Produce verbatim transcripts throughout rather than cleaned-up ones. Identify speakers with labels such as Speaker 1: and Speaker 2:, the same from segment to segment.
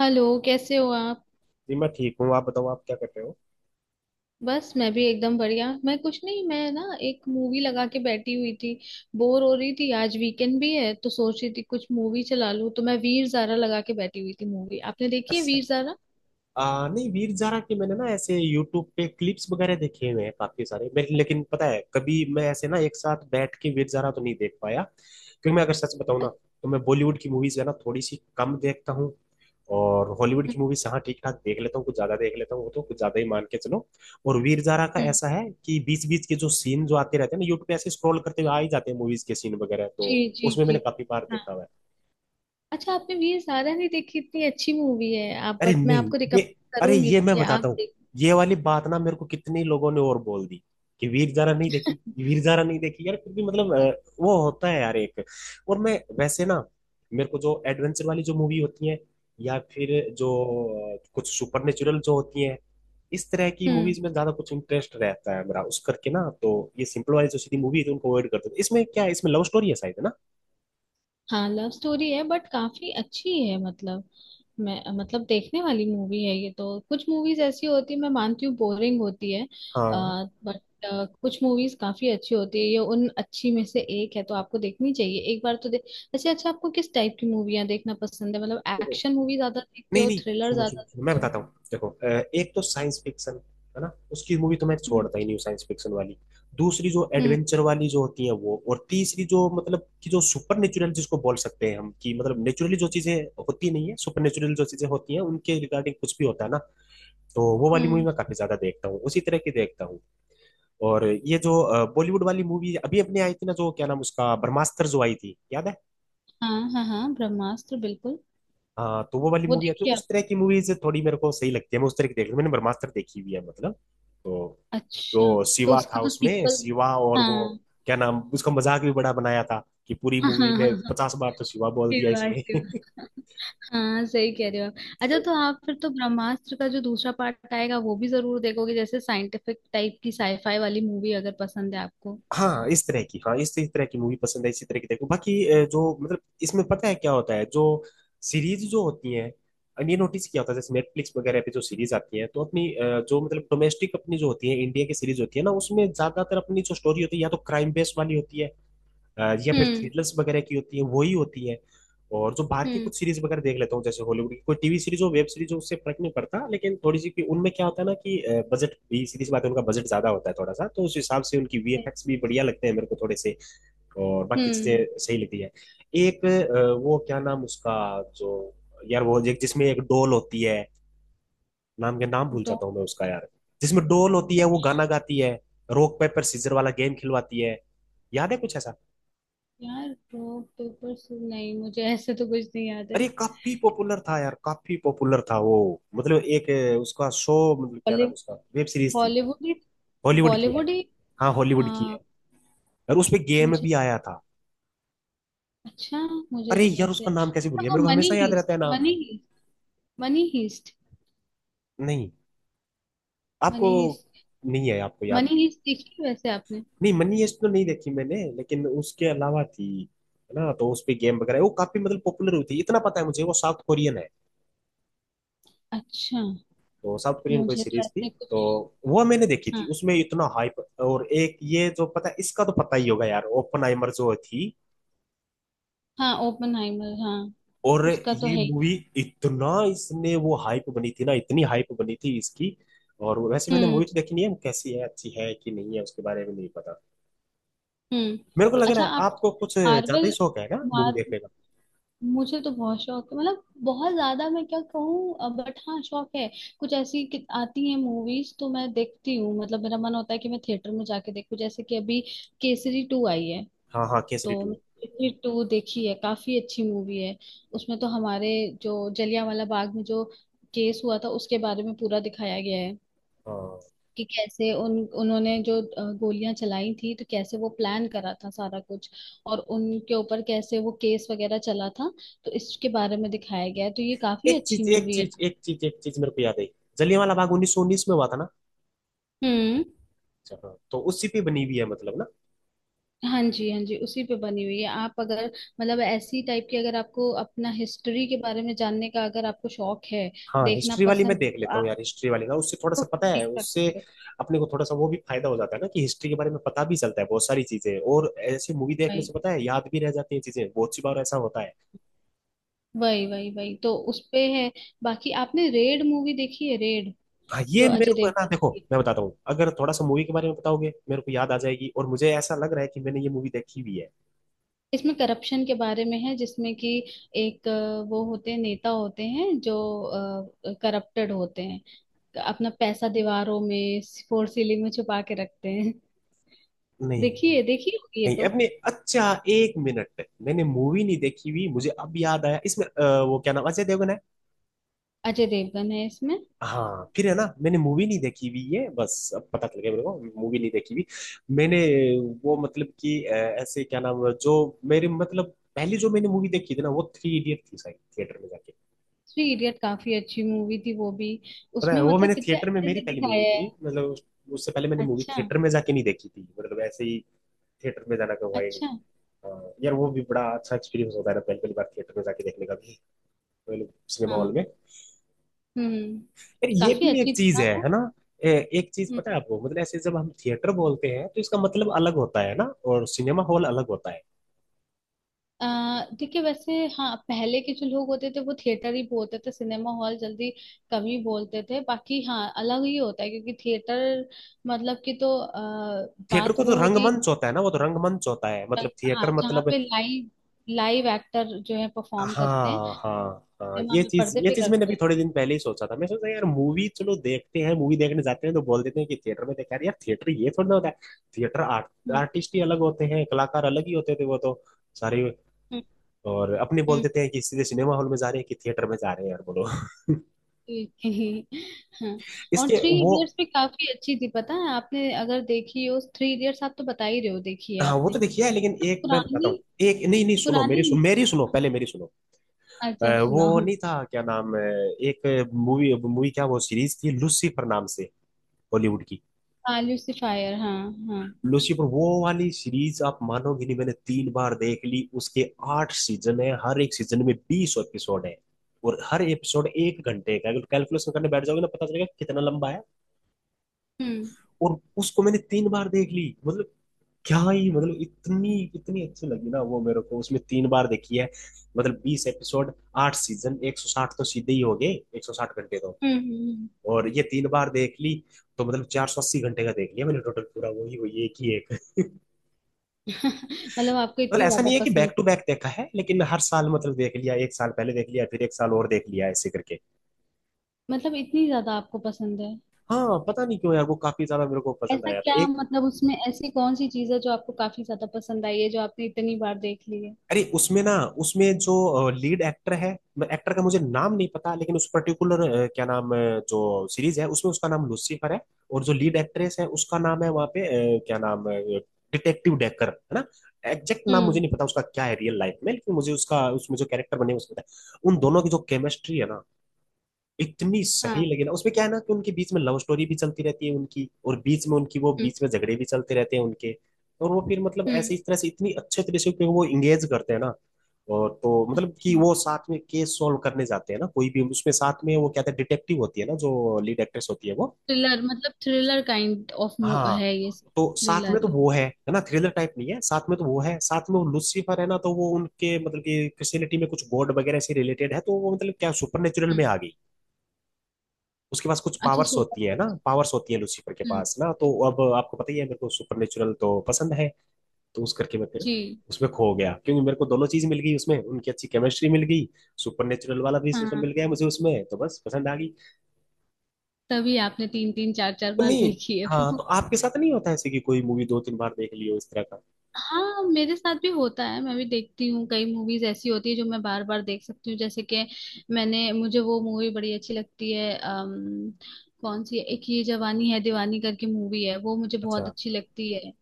Speaker 1: Hello, कैसे हो आप।
Speaker 2: जी, मैं ठीक हूँ। आप बताओ, आप क्या कर रहे हो?
Speaker 1: बस मैं भी एकदम बढ़िया। मैं कुछ नहीं, मैं ना एक मूवी लगा के बैठी हुई थी। बोर हो रही थी, आज वीकेंड भी है तो सोच रही थी कुछ मूवी चला लूं। तो मैं वीर ज़ारा लगा के बैठी हुई थी। मूवी आपने देखी है
Speaker 2: अच्छा।
Speaker 1: वीर ज़ारा?
Speaker 2: आ, नहीं, वीर जारा के मैंने ना ऐसे यूट्यूब पे क्लिप्स वगैरह देखे हुए हैं काफी सारे मैं, लेकिन पता है, कभी मैं ऐसे ना एक साथ बैठ के वीर जारा तो नहीं देख पाया, क्योंकि मैं अगर सच बताऊँ ना, तो मैं बॉलीवुड की मूवीज है ना थोड़ी सी कम देखता हूँ। और हॉलीवुड
Speaker 1: अच्छा।
Speaker 2: की मूवीज हाँ ठीक ठाक देख लेता हूँ, कुछ ज्यादा देख लेता हूँ, वो तो कुछ ज्यादा ही मान के चलो। और वीर जारा का
Speaker 1: हम्म।
Speaker 2: ऐसा है कि बीच बीच के जो सीन जो आते रहते हैं ना, यूट्यूब पे ऐसे स्क्रॉल करते हुए आ ही जाते हैं मूवीज के सीन वगैरह, तो
Speaker 1: जी जी
Speaker 2: उसमें
Speaker 1: जी।
Speaker 2: मैंने काफी बार
Speaker 1: हाँ।
Speaker 2: देखा हुआ है।
Speaker 1: अच्छा, आपने वीर ज़ारा नहीं देखी? इतनी अच्छी मूवी है। आप
Speaker 2: अरे
Speaker 1: बट मैं
Speaker 2: नहीं।
Speaker 1: आपको
Speaker 2: ये
Speaker 1: रिकमेंड
Speaker 2: अरे,
Speaker 1: करूंगी
Speaker 2: ये मैं
Speaker 1: कि आप
Speaker 2: बताता हूँ।
Speaker 1: देखें।
Speaker 2: ये वाली बात ना मेरे को कितने लोगों ने और बोल दी, कि वीर जारा नहीं देखी। वीर जारा नहीं देखी यार, फिर भी मतलब अ, वो होता है यार एक। और मैं वैसे ना, मेरे को जो एडवेंचर वाली जो मूवी होती है, या फिर जो अ, कुछ सुपरनेचुरल जो होती है, इस तरह की
Speaker 1: हम्म।
Speaker 2: मूवीज में ज्यादा कुछ इंटरेस्ट रहता है मेरा उस करके ना। तो ये सिंपल वाली जो सीधी मूवी है, तो उनको अवॉइड करते थे। इसमें क्या है? इसमें लव स्टोरी है शायद, है ना?
Speaker 1: हाँ, लव स्टोरी है बट काफी अच्छी है मतलब, मैं मतलब देखने वाली मूवी है ये। तो कुछ मूवीज ऐसी होती है मैं मानती हूँ, बोरिंग होती है,
Speaker 2: हाँ।
Speaker 1: बट कुछ मूवीज काफी अच्छी होती है। ये उन अच्छी में से एक है, तो आपको देखनी चाहिए एक बार तो देख। अच्छा, अच्छा, आपको किस टाइप की मूवियाँ देखना पसंद है? मतलब एक्शन मूवी ज्यादा देखते
Speaker 2: नहीं
Speaker 1: हो,
Speaker 2: नहीं,
Speaker 1: थ्रिलर
Speaker 2: सुनो सुनो
Speaker 1: ज्यादा
Speaker 2: सुनो, मैं
Speaker 1: देखते हो?
Speaker 2: बताता हूँ। देखो अ, एक तो साइंस फिक्शन है ना, उसकी मूवी तो मैं
Speaker 1: हम्म।
Speaker 2: छोड़ता ही नहीं हूँ, साइंस फिक्शन वाली। दूसरी जो
Speaker 1: हम्म।
Speaker 2: एडवेंचर वाली जो होती है वो, और तीसरी जो मतलब कि जो सुपर नेचुरल जिसको बोल सकते हैं हम, कि मतलब नेचुरली जो चीजें होती नहीं है, सुपर नेचुरल जो चीजें होती हैं, उनके रिगार्डिंग कुछ भी होता है ना, तो वो वाली मूवी
Speaker 1: हम्म।
Speaker 2: मैं काफी ज्यादा देखता हूँ, उसी तरह की देखता हूँ। और ये जो बॉलीवुड वाली मूवी अभी अपने आई थी ना, जो क्या नाम उसका, ब्रह्मास्त्र जो आई थी, याद है?
Speaker 1: हाँ हाँ हाँ, ब्रह्मास्त्र बिल्कुल।
Speaker 2: हाँ, तो वो वाली
Speaker 1: वो
Speaker 2: मूवी आती है,
Speaker 1: देखिए आप।
Speaker 2: उस तरह की मूवीज थोड़ी मेरे को सही लगती है, मैं उस तरह की देख मैंने ब्रह्मास्त्र देखी हुई है मतलब, तो।
Speaker 1: अच्छा,
Speaker 2: तो
Speaker 1: तो
Speaker 2: शिवा था
Speaker 1: उसका तो
Speaker 2: उसमें,
Speaker 1: सीक्वल।
Speaker 2: शिवा और वो
Speaker 1: हाँ
Speaker 2: क्या नाम उसका। मजाक भी बड़ा बनाया था कि पूरी
Speaker 1: हाँ हाँ
Speaker 2: मूवी
Speaker 1: हाँ
Speaker 2: में
Speaker 1: हाँ,
Speaker 2: पचास बार तो शिवा बोल दिया
Speaker 1: शिवा
Speaker 2: इसने।
Speaker 1: शिवा, हाँ सही कह रहे हो आप। अच्छा तो आप फिर तो ब्रह्मास्त्र का जो दूसरा पार्ट आएगा वो भी जरूर देखोगे। जैसे साइंटिफिक टाइप की साईफाई वाली मूवी अगर पसंद है आपको।
Speaker 2: हाँ इस तरह की। हाँ, इस इस तरह की मूवी पसंद है, इसी तरह की। देखो, बाकी अ, जो मतलब इसमें पता है क्या होता है, जो सीरीज जो होती है, ये नोटिस किया होता है जैसे नेटफ्लिक्स वगैरह पे जो सीरीज आती है, तो अपनी अ, जो मतलब डोमेस्टिक अपनी जो होती है, इंडिया की सीरीज होती है ना, उसमें ज्यादातर अपनी जो स्टोरी होती है, या तो क्राइम बेस्ड वाली होती है, अ, या फिर
Speaker 1: हम्म।
Speaker 2: थ्रिलर्स वगैरह की होती है, वो ही होती है। और जो बाहर की
Speaker 1: हम्म।
Speaker 2: कुछ सीरीज वगैरह देख लेता हूँ, जैसे हॉलीवुड की कोई टीवी सीरीज हो, वेब सीरीज हो, उससे फर्क नहीं पड़ता, लेकिन थोड़ी सी उनमें क्या होता है ना कि बजट भी सीरीज बात है, उनका बजट ज्यादा होता है थोड़ा सा, तो उस हिसाब से उनकी वी एफ एक्स भी बढ़िया लगते हैं मेरे को थोड़े से, और बाकी
Speaker 1: हम्म।
Speaker 2: चीजें सही लगती है। एक अ, वो क्या नाम उसका, जो, यार वो एक जिसमें एक डोल होती है, नाम के नाम भूल
Speaker 1: डॉ
Speaker 2: जाता हूँ मैं उसका यार। जिसमें डोल होती है, वो गाना गाती है, रॉक पेपर सीजर वाला गेम खिलवाती है। याद है कुछ ऐसा?
Speaker 1: यार, डॉ पेपर्स नहीं, मुझे ऐसे तो कुछ नहीं याद है।
Speaker 2: अरे काफी पॉपुलर था यार, काफी पॉपुलर था वो। मतलब एक अ, उसका शो, मतलब क्या
Speaker 1: बॉली
Speaker 2: नाम उसका, वेब सीरीज थी।
Speaker 1: बॉलीवुड ही,
Speaker 2: हॉलीवुड की है।
Speaker 1: बॉलीवुड ही।
Speaker 2: हाँ, हॉलीवुड की
Speaker 1: आ,
Speaker 2: है, और उसपे गेम
Speaker 1: मुझे
Speaker 2: भी आया था।
Speaker 1: अच्छा, मुझे
Speaker 2: अरे
Speaker 1: नहीं
Speaker 2: यार,
Speaker 1: ऐसे।
Speaker 2: उसका नाम कैसे भूल
Speaker 1: अच्छा,
Speaker 2: गया,
Speaker 1: वो
Speaker 2: मेरे को
Speaker 1: मनी
Speaker 2: हमेशा याद रहता
Speaker 1: हीस्ट,
Speaker 2: है नाम।
Speaker 1: मनी हीस्ट, मनी हीस्ट,
Speaker 2: नहीं, आपको
Speaker 1: मनी हीस्ट,
Speaker 2: नहीं है आपको याद
Speaker 1: मनी
Speaker 2: भी?
Speaker 1: हीस्ट देखी है वैसे आपने?
Speaker 2: नहीं, मनी हेस्ट तो नहीं देखी मैंने, लेकिन उसके अलावा थी, है ना। तो उस पे गेम वगैरह वो काफी मतलब पॉपुलर हुई थी इतना पता है मुझे, वो साउथ कोरियन है।
Speaker 1: अच्छा,
Speaker 2: तो साउथ कोरियन कोई
Speaker 1: मुझे तो
Speaker 2: सीरीज थी,
Speaker 1: ऐसे
Speaker 2: तो
Speaker 1: कुछ।
Speaker 2: वो मैंने देखी थी,
Speaker 1: हाँ
Speaker 2: उसमें इतना हाइप। और एक ये जो पता, इसका तो पता ही होगा यार, ओपनहाइमर जो थी।
Speaker 1: हाँ, ओपनहाइमर हाँ,
Speaker 2: और
Speaker 1: उसका तो
Speaker 2: ये
Speaker 1: है ही।
Speaker 2: मूवी, इतना इसने वो हाइप बनी थी ना, इतनी हाइप बनी थी इसकी। और वैसे मैंने
Speaker 1: हम्म।
Speaker 2: मूवी तो देखी नहीं है, कैसी है, अच्छी है कि नहीं है उसके बारे में नहीं पता।
Speaker 1: हम्म।
Speaker 2: मेरे को लग रहा
Speaker 1: अच्छा,
Speaker 2: है
Speaker 1: आप
Speaker 2: आपको कुछ ज्यादा ही
Speaker 1: मार्वल।
Speaker 2: शौक है ना मूवी
Speaker 1: मार
Speaker 2: देखने का।
Speaker 1: मुझे तो बहुत शौक है, मतलब बहुत ज्यादा मैं क्या कहूँ बट हाँ शौक है। कुछ ऐसी कि- आती हैं मूवीज तो मैं देखती हूँ, मतलब मेरा मन होता है कि मैं थिएटर में जाके देखूँ। जैसे कि अभी केसरी टू आई है,
Speaker 2: हाँ हाँ, केसरी
Speaker 1: तो
Speaker 2: टू
Speaker 1: मैंने केसरी टू देखी है, काफी अच्छी मूवी है। उसमें तो हमारे जो जलियांवाला बाग में जो केस हुआ था उसके बारे में पूरा दिखाया गया है,
Speaker 2: हाँ,
Speaker 1: कि कैसे उन उन्होंने जो गोलियां चलाई थी, तो कैसे वो प्लान करा था सारा कुछ, और उनके ऊपर कैसे वो केस वगैरह चला था, तो इसके बारे में दिखाया गया है, तो ये काफी
Speaker 2: एक
Speaker 1: अच्छी
Speaker 2: चीज एक
Speaker 1: मूवी है।
Speaker 2: चीज एक चीज एक चीज मेरे को याद आई। जलियांवाला बाग उन्नीस सौ उन्नीस में हुआ था ना?
Speaker 1: हम्म।
Speaker 2: अच्छा, हाँ, तो उसी पे बनी हुई है मतलब ना।
Speaker 1: हाँ जी, हाँ जी, उसी पे बनी हुई है। आप अगर, मतलब ऐसी टाइप की, अगर आपको अपना हिस्ट्री के बारे में जानने का अगर आपको शौक है,
Speaker 2: हाँ,
Speaker 1: देखना
Speaker 2: हिस्ट्री वाली मैं
Speaker 1: पसंद है,
Speaker 2: देख
Speaker 1: तो
Speaker 2: लेता हूँ
Speaker 1: आप
Speaker 2: यार, हिस्ट्री वाली ना, उससे थोड़ा
Speaker 1: तो
Speaker 2: सा पता है,
Speaker 1: देख
Speaker 2: उससे
Speaker 1: सकते हो।
Speaker 2: अपने को थोड़ा सा वो भी फायदा हो जाता है ना, कि हिस्ट्री के बारे में पता भी चलता है बहुत सारी चीजें, और ऐसे मूवी देखने
Speaker 1: भाई,
Speaker 2: से पता है याद भी रह जाती है चीजें, बहुत सी बार ऐसा होता है।
Speaker 1: वही वही वही वही, तो उस पे है। बाकी आपने रेड मूवी देखी है, रेड?
Speaker 2: हाँ,
Speaker 1: जो
Speaker 2: ये
Speaker 1: अजय
Speaker 2: मेरे को है ना,
Speaker 1: देवगन
Speaker 2: देखो
Speaker 1: की,
Speaker 2: मैं बताता हूँ, अगर थोड़ा सा मूवी के बारे में बताओगे मेरे को याद आ जाएगी, और मुझे ऐसा लग रहा है कि मैंने ये मूवी देखी हुई है।
Speaker 1: इसमें करप्शन के बारे में है, जिसमें कि एक अ, वो होते हैं, नेता होते हैं जो करप्टेड होते हैं, अपना पैसा दीवारों में फोर सीलिंग में छुपा के रखते हैं।
Speaker 2: नहीं
Speaker 1: देखिए, देखिए, होगी ये
Speaker 2: नहीं,
Speaker 1: तो।
Speaker 2: अपने अच्छा, एक मिनट, मैंने मूवी नहीं देखी हुई, मुझे अब याद आया इसमें अ, वो क्या नाम, अजय देवगन है।
Speaker 1: अजय देवगन है इसमें।
Speaker 2: हाँ फिर, है ना, मैंने मूवी नहीं देखी हुई है, बस अब पता चल गया मेरे को, मूवी नहीं देखी हुई मैंने। वो मतलब कि अ, ऐसे क्या नाम है, जो मेरे मतलब पहली जो मैंने मूवी देखी थी ना वो थ्री इडियट थी शायद, थिएटर में जाके।
Speaker 1: थ्री इडियट काफी अच्छी मूवी थी वो भी।
Speaker 2: पता है
Speaker 1: उसमें
Speaker 2: वो,
Speaker 1: मतलब
Speaker 2: मैंने
Speaker 1: कितने
Speaker 2: थिएटर में
Speaker 1: अच्छे
Speaker 2: मेरी
Speaker 1: से
Speaker 2: पहली मूवी
Speaker 1: दिखाया है।
Speaker 2: थी मतलब, उस- उससे पहले मैंने मूवी
Speaker 1: अच्छा।
Speaker 2: थिएटर में जाके नहीं देखी थी, मतलब ऐसे ही थिएटर में जाना का हुआ ही नहीं।
Speaker 1: अच्छा।
Speaker 2: हाँ, यार वो भी बड़ा अच्छा एक्सपीरियंस होता है ना, पहली पहली बार थिएटर में जाके देखने का भी, मतलब सिनेमा
Speaker 1: हाँ।
Speaker 2: हॉल में।
Speaker 1: हम्म।
Speaker 2: फिर ये
Speaker 1: काफी
Speaker 2: भी एक
Speaker 1: अच्छी थी
Speaker 2: चीज
Speaker 1: ना
Speaker 2: है है
Speaker 1: वो।
Speaker 2: ना? ए- एक चीज पता है आपको, मतलब ऐसे जब हम थिएटर बोलते हैं तो इसका मतलब अलग होता है ना, और सिनेमा हॉल अलग होता है।
Speaker 1: अ, देखिए वैसे हाँ, पहले के जो लोग होते थे वो थिएटर ही बोलते थे, सिनेमा हॉल जल्दी कम ही बोलते थे, बाकी हाँ अलग ही होता है क्योंकि थिएटर मतलब कि, तो अ,
Speaker 2: थिएटर
Speaker 1: बात
Speaker 2: को तो
Speaker 1: वो होती
Speaker 2: रंगमंच होता है ना, वो तो रंगमंच होता है,
Speaker 1: अ,
Speaker 2: मतलब
Speaker 1: हाँ
Speaker 2: थिएटर
Speaker 1: जहाँ
Speaker 2: मतलब।
Speaker 1: पे लाइव लाइव एक्टर जो है परफॉर्म करते हैं,
Speaker 2: हाँ हाँ हाँ,
Speaker 1: सिनेमा
Speaker 2: ये
Speaker 1: में
Speaker 2: चीज
Speaker 1: पर्दे
Speaker 2: ये
Speaker 1: पे
Speaker 2: चीज मैंने
Speaker 1: करते
Speaker 2: अभी
Speaker 1: हैं।
Speaker 2: थोड़े दिन पहले ही सोचा था, मैं सोचा यार, मूवी चलो देखते हैं, मूवी देखने जाते हैं तो बोल देते हैं कि थिएटर में देखा। यार थिएटर ये थोड़ा ना होता है, थिएटर आर्ट
Speaker 1: हम्म।
Speaker 2: आर्टिस्ट ही अलग होते हैं, कलाकार अलग ही होते थे वो तो सारे।
Speaker 1: हम्म।
Speaker 2: और अपने बोल
Speaker 1: हम्म,
Speaker 2: देते हैं कि सीधे सिनेमा हॉल में जा रहे हैं कि थिएटर में जा रहे हैं यार, बोलो।
Speaker 1: जी, हाँ। और
Speaker 2: इसके
Speaker 1: थ्री
Speaker 2: वो।
Speaker 1: इडियट्स भी काफी अच्छी थी, पता है। आपने अगर देखी हो थ्री इडियट्स, आप तो बता ही रहे हो देखी है
Speaker 2: हाँ, वो
Speaker 1: आपने।
Speaker 2: तो देखिए है, लेकिन
Speaker 1: तो
Speaker 2: एक मैं बताता
Speaker 1: पुरानी,
Speaker 2: हूँ। एक नहीं नहीं, सुनो मेरी
Speaker 1: पुरानी,
Speaker 2: सुनो मेरी सुनो, पहले मेरी सुनो।
Speaker 1: अच्छा
Speaker 2: अ, वो
Speaker 1: सुनाओ।
Speaker 2: नहीं था क्या नाम है, एक मूवी, मूवी क्या, वो सीरीज थी लूसीफर नाम से, हॉलीवुड की।
Speaker 1: हाँ लूसीफायर, हाँ। हाँ।
Speaker 2: लूसीफर वो वाली सीरीज, आप मानोगे नहीं, मैंने तीन बार देख ली उसके। आठ सीजन है, हर एक सीजन में बीस एपिसोड है, और हर एपिसोड एक घंटे का है। अगर कैलकुलेशन करने बैठ जाओगे ना, पता चलेगा कितना लंबा है।
Speaker 1: हम्म।
Speaker 2: और उसको मैंने तीन बार देख ली, मतलब क्या ही मतलब, इतनी इतनी अच्छी लगी ना वो मेरे को, उसमें तीन बार देखी है। मतलब बीस एपिसोड, आठ सीजन, एक सौ साठ तो सीधे ही हो गए, एक सौ साठ घंटे तो।
Speaker 1: हम्म। हम्म, हम्म।
Speaker 2: और ये तीन बार देख ली, तो मतलब चार सौ अस्सी घंटे का देख लिया मैंने टोटल, पूरा वही वही एक ही एक।
Speaker 1: मतलब आपको
Speaker 2: मतलब
Speaker 1: इतनी
Speaker 2: ऐसा
Speaker 1: ज्यादा
Speaker 2: नहीं है कि
Speaker 1: पसंद
Speaker 2: बैक टू बैक देखा है, लेकिन हर साल मतलब देख लिया, एक साल पहले देख लिया, फिर एक साल और देख लिया, ऐसे करके।
Speaker 1: मतलब इतनी ज्यादा आपको पसंद है?
Speaker 2: हाँ, पता नहीं क्यों यार, वो काफी ज्यादा मेरे को पसंद
Speaker 1: ऐसा
Speaker 2: आया था।
Speaker 1: क्या, मतलब उसमें ऐसी कौन सी चीज है जो आपको काफी ज्यादा पसंद आई है, जो आपने इतनी बार देख ली है?
Speaker 2: अरे उसमें ना, उसमें जो लीड एक्टर है, एक्टर का मुझे नाम नहीं पता, लेकिन उस पर्टिकुलर क्या नाम, अ, जो सीरीज है उसमें उसका नाम लूसीफर है, और जो लीड एक्ट्रेस है उसका नाम है वहाँ पे अ, क्या नाम, डिटेक्टिव डेकर है ना। एग्जैक्ट नाम मुझे
Speaker 1: हम्म।
Speaker 2: नहीं पता उसका क्या है रियल लाइफ में, लेकिन मुझे उसका, उसमें जो कैरेक्टर बने हैं, उसमें पता है। उन दोनों की जो केमिस्ट्री है ना, इतनी सही
Speaker 1: हाँ।
Speaker 2: लगी ना, उसमें क्या है ना कि उनके बीच में लव स्टोरी भी चलती रहती है उनकी, और बीच में उनकी वो,
Speaker 1: हम्म।
Speaker 2: बीच में झगड़े भी चलते रहते हैं उनके। और वो फिर मतलब ऐसे
Speaker 1: हम्म।
Speaker 2: इस तरह से इतनी अच्छे तरह से, क्योंकि वो इंगेज करते हैं ना, और तो मतलब कि
Speaker 1: अच्छा,
Speaker 2: वो साथ में केस सॉल्व करने जाते हैं ना कोई भी उसमें, साथ में वो कहते हैं डिटेक्टिव होती है ना जो लीड एक्ट्रेस होती है वो।
Speaker 1: थ्रिलर मतलब थ्रिलर काइंड ऑफ
Speaker 2: हाँ,
Speaker 1: है ये,
Speaker 2: तो साथ में
Speaker 1: थ्रिलर
Speaker 2: तो
Speaker 1: है।
Speaker 2: वो है है ना, थ्रिलर टाइप नहीं है, साथ में तो वो है, साथ में वो लूसीफर है ना तो वो उनके मतलब कि क्रिश्चियनिटी में कुछ गॉड वगैरह से रिलेटेड है, तो वो मतलब क्या, सुपर नेचुरल
Speaker 1: हम्म।
Speaker 2: में आ गई। उसके पास कुछ
Speaker 1: अच्छा।
Speaker 2: पावर्स
Speaker 1: सुपर
Speaker 2: होती है ना, पावर्स होती है लूसीफर के
Speaker 1: हम्म।
Speaker 2: पास ना, तो अब आपको पता ही है मेरे को सुपरनेचुरल तो पसंद है। तो उस करके मैं फिर
Speaker 1: जी।
Speaker 2: उसमें खो गया, क्योंकि मेरे को दोनों चीज मिल गई उसमें, उनकी अच्छी केमिस्ट्री मिल गई, सुपरनेचुरल वाला भी सिस्टम मिल
Speaker 1: हाँ,
Speaker 2: गया मुझे उसमें, तो बस पसंद आ गई।
Speaker 1: तभी आपने तीन तीन चार चार
Speaker 2: तो
Speaker 1: बार
Speaker 2: नहीं।
Speaker 1: देखी है
Speaker 2: हाँ, तो
Speaker 1: वो।
Speaker 2: आपके साथ नहीं होता ऐसे कि कोई मूवी दो तीन बार देख ली हो, इस तरह का?
Speaker 1: हाँ, मेरे साथ भी होता है, मैं भी देखती हूँ। कई मूवीज ऐसी होती है जो मैं बार बार देख सकती हूँ। जैसे कि मैंने मुझे वो मूवी बड़ी अच्छी लगती है, अम, कौन सी है? एक ये जवानी है दीवानी करके मूवी है, वो मुझे बहुत
Speaker 2: अच्छा,
Speaker 1: अच्छी लगती है।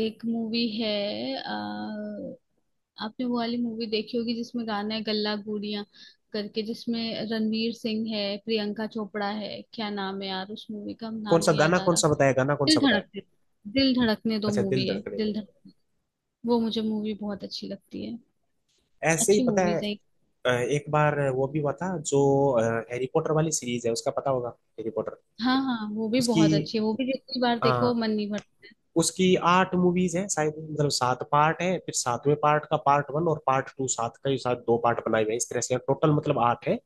Speaker 1: एक मूवी है अ, आपने वो वाली मूवी देखी होगी जिसमें गाना है गल्ला गूंडियां करके, जिसमें रणवीर सिंह है, प्रियंका चोपड़ा है, क्या नाम है यार उस मूवी का,
Speaker 2: कौन
Speaker 1: नाम
Speaker 2: सा
Speaker 1: नहीं याद
Speaker 2: गाना
Speaker 1: आ
Speaker 2: कौन
Speaker 1: रहा।
Speaker 2: सा बताया, गाना कौन
Speaker 1: दिल
Speaker 2: सा बताया?
Speaker 1: धड़कने दिल धड़कने दो
Speaker 2: अच्छा, दिल
Speaker 1: मूवी है।
Speaker 2: धड़कने
Speaker 1: दिल
Speaker 2: दो।
Speaker 1: वो मुझे मूवी बहुत अच्छी लगती है,
Speaker 2: ऐसे ही
Speaker 1: अच्छी
Speaker 2: पता है।
Speaker 1: मूवीज है।
Speaker 2: अ, एक बार वो भी हुआ था जो, हैरी पॉटर वाली सीरीज है, उसका पता होगा, हैरी पॉटर।
Speaker 1: हाँ हाँ, वो भी
Speaker 2: उसकी,
Speaker 1: बहुत अच्छी है, वो भी जितनी बार देखो
Speaker 2: हाँ,
Speaker 1: मन नहीं भरता।
Speaker 2: उसकी आठ मूवीज हैं शायद, मतलब सात पार्ट है, फिर सातवें पार्ट का पार्ट वन और पार्ट टू, सात का ही शायद दो पार्ट बनाए हुए हैं इस तरह से, टोटल मतलब आठ है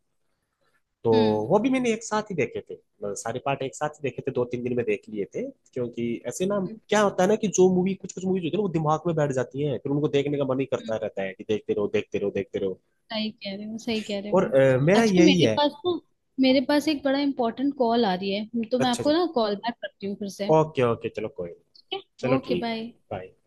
Speaker 2: तो।
Speaker 1: हम्म।
Speaker 2: वो भी मैंने एक साथ ही देखे थे, मतलब सारे पार्ट एक साथ ही देखे थे, दो तीन दिन में देख लिए थे, क्योंकि ऐसे ना,
Speaker 1: हम्म,
Speaker 2: क्या होता है ना, कि जो मूवी, कुछ कुछ मूवीज होती है ना, वो दिमाग में बैठ जाती है, फिर उनको देखने का मन ही करता
Speaker 1: हम्म,
Speaker 2: रहता है कि देखते रहो देखते रहो देखते रहो।
Speaker 1: सही कह रहे हो, सही कह रहे हो
Speaker 2: और
Speaker 1: आप।
Speaker 2: अ, मेरा
Speaker 1: अच्छा,
Speaker 2: यही
Speaker 1: मेरे
Speaker 2: है।
Speaker 1: पास ना मेरे पास एक बड़ा इंपॉर्टेंट कॉल आ रही है, तो मैं
Speaker 2: अच्छा अच्छा,
Speaker 1: आपको ना कॉल बैक करती हूँ फिर से।
Speaker 2: ओके ओके, चलो कोई नहीं।
Speaker 1: ठीक है,
Speaker 2: चलो
Speaker 1: ओके,
Speaker 2: ठीक है,
Speaker 1: बाय।
Speaker 2: ठीक, बाय।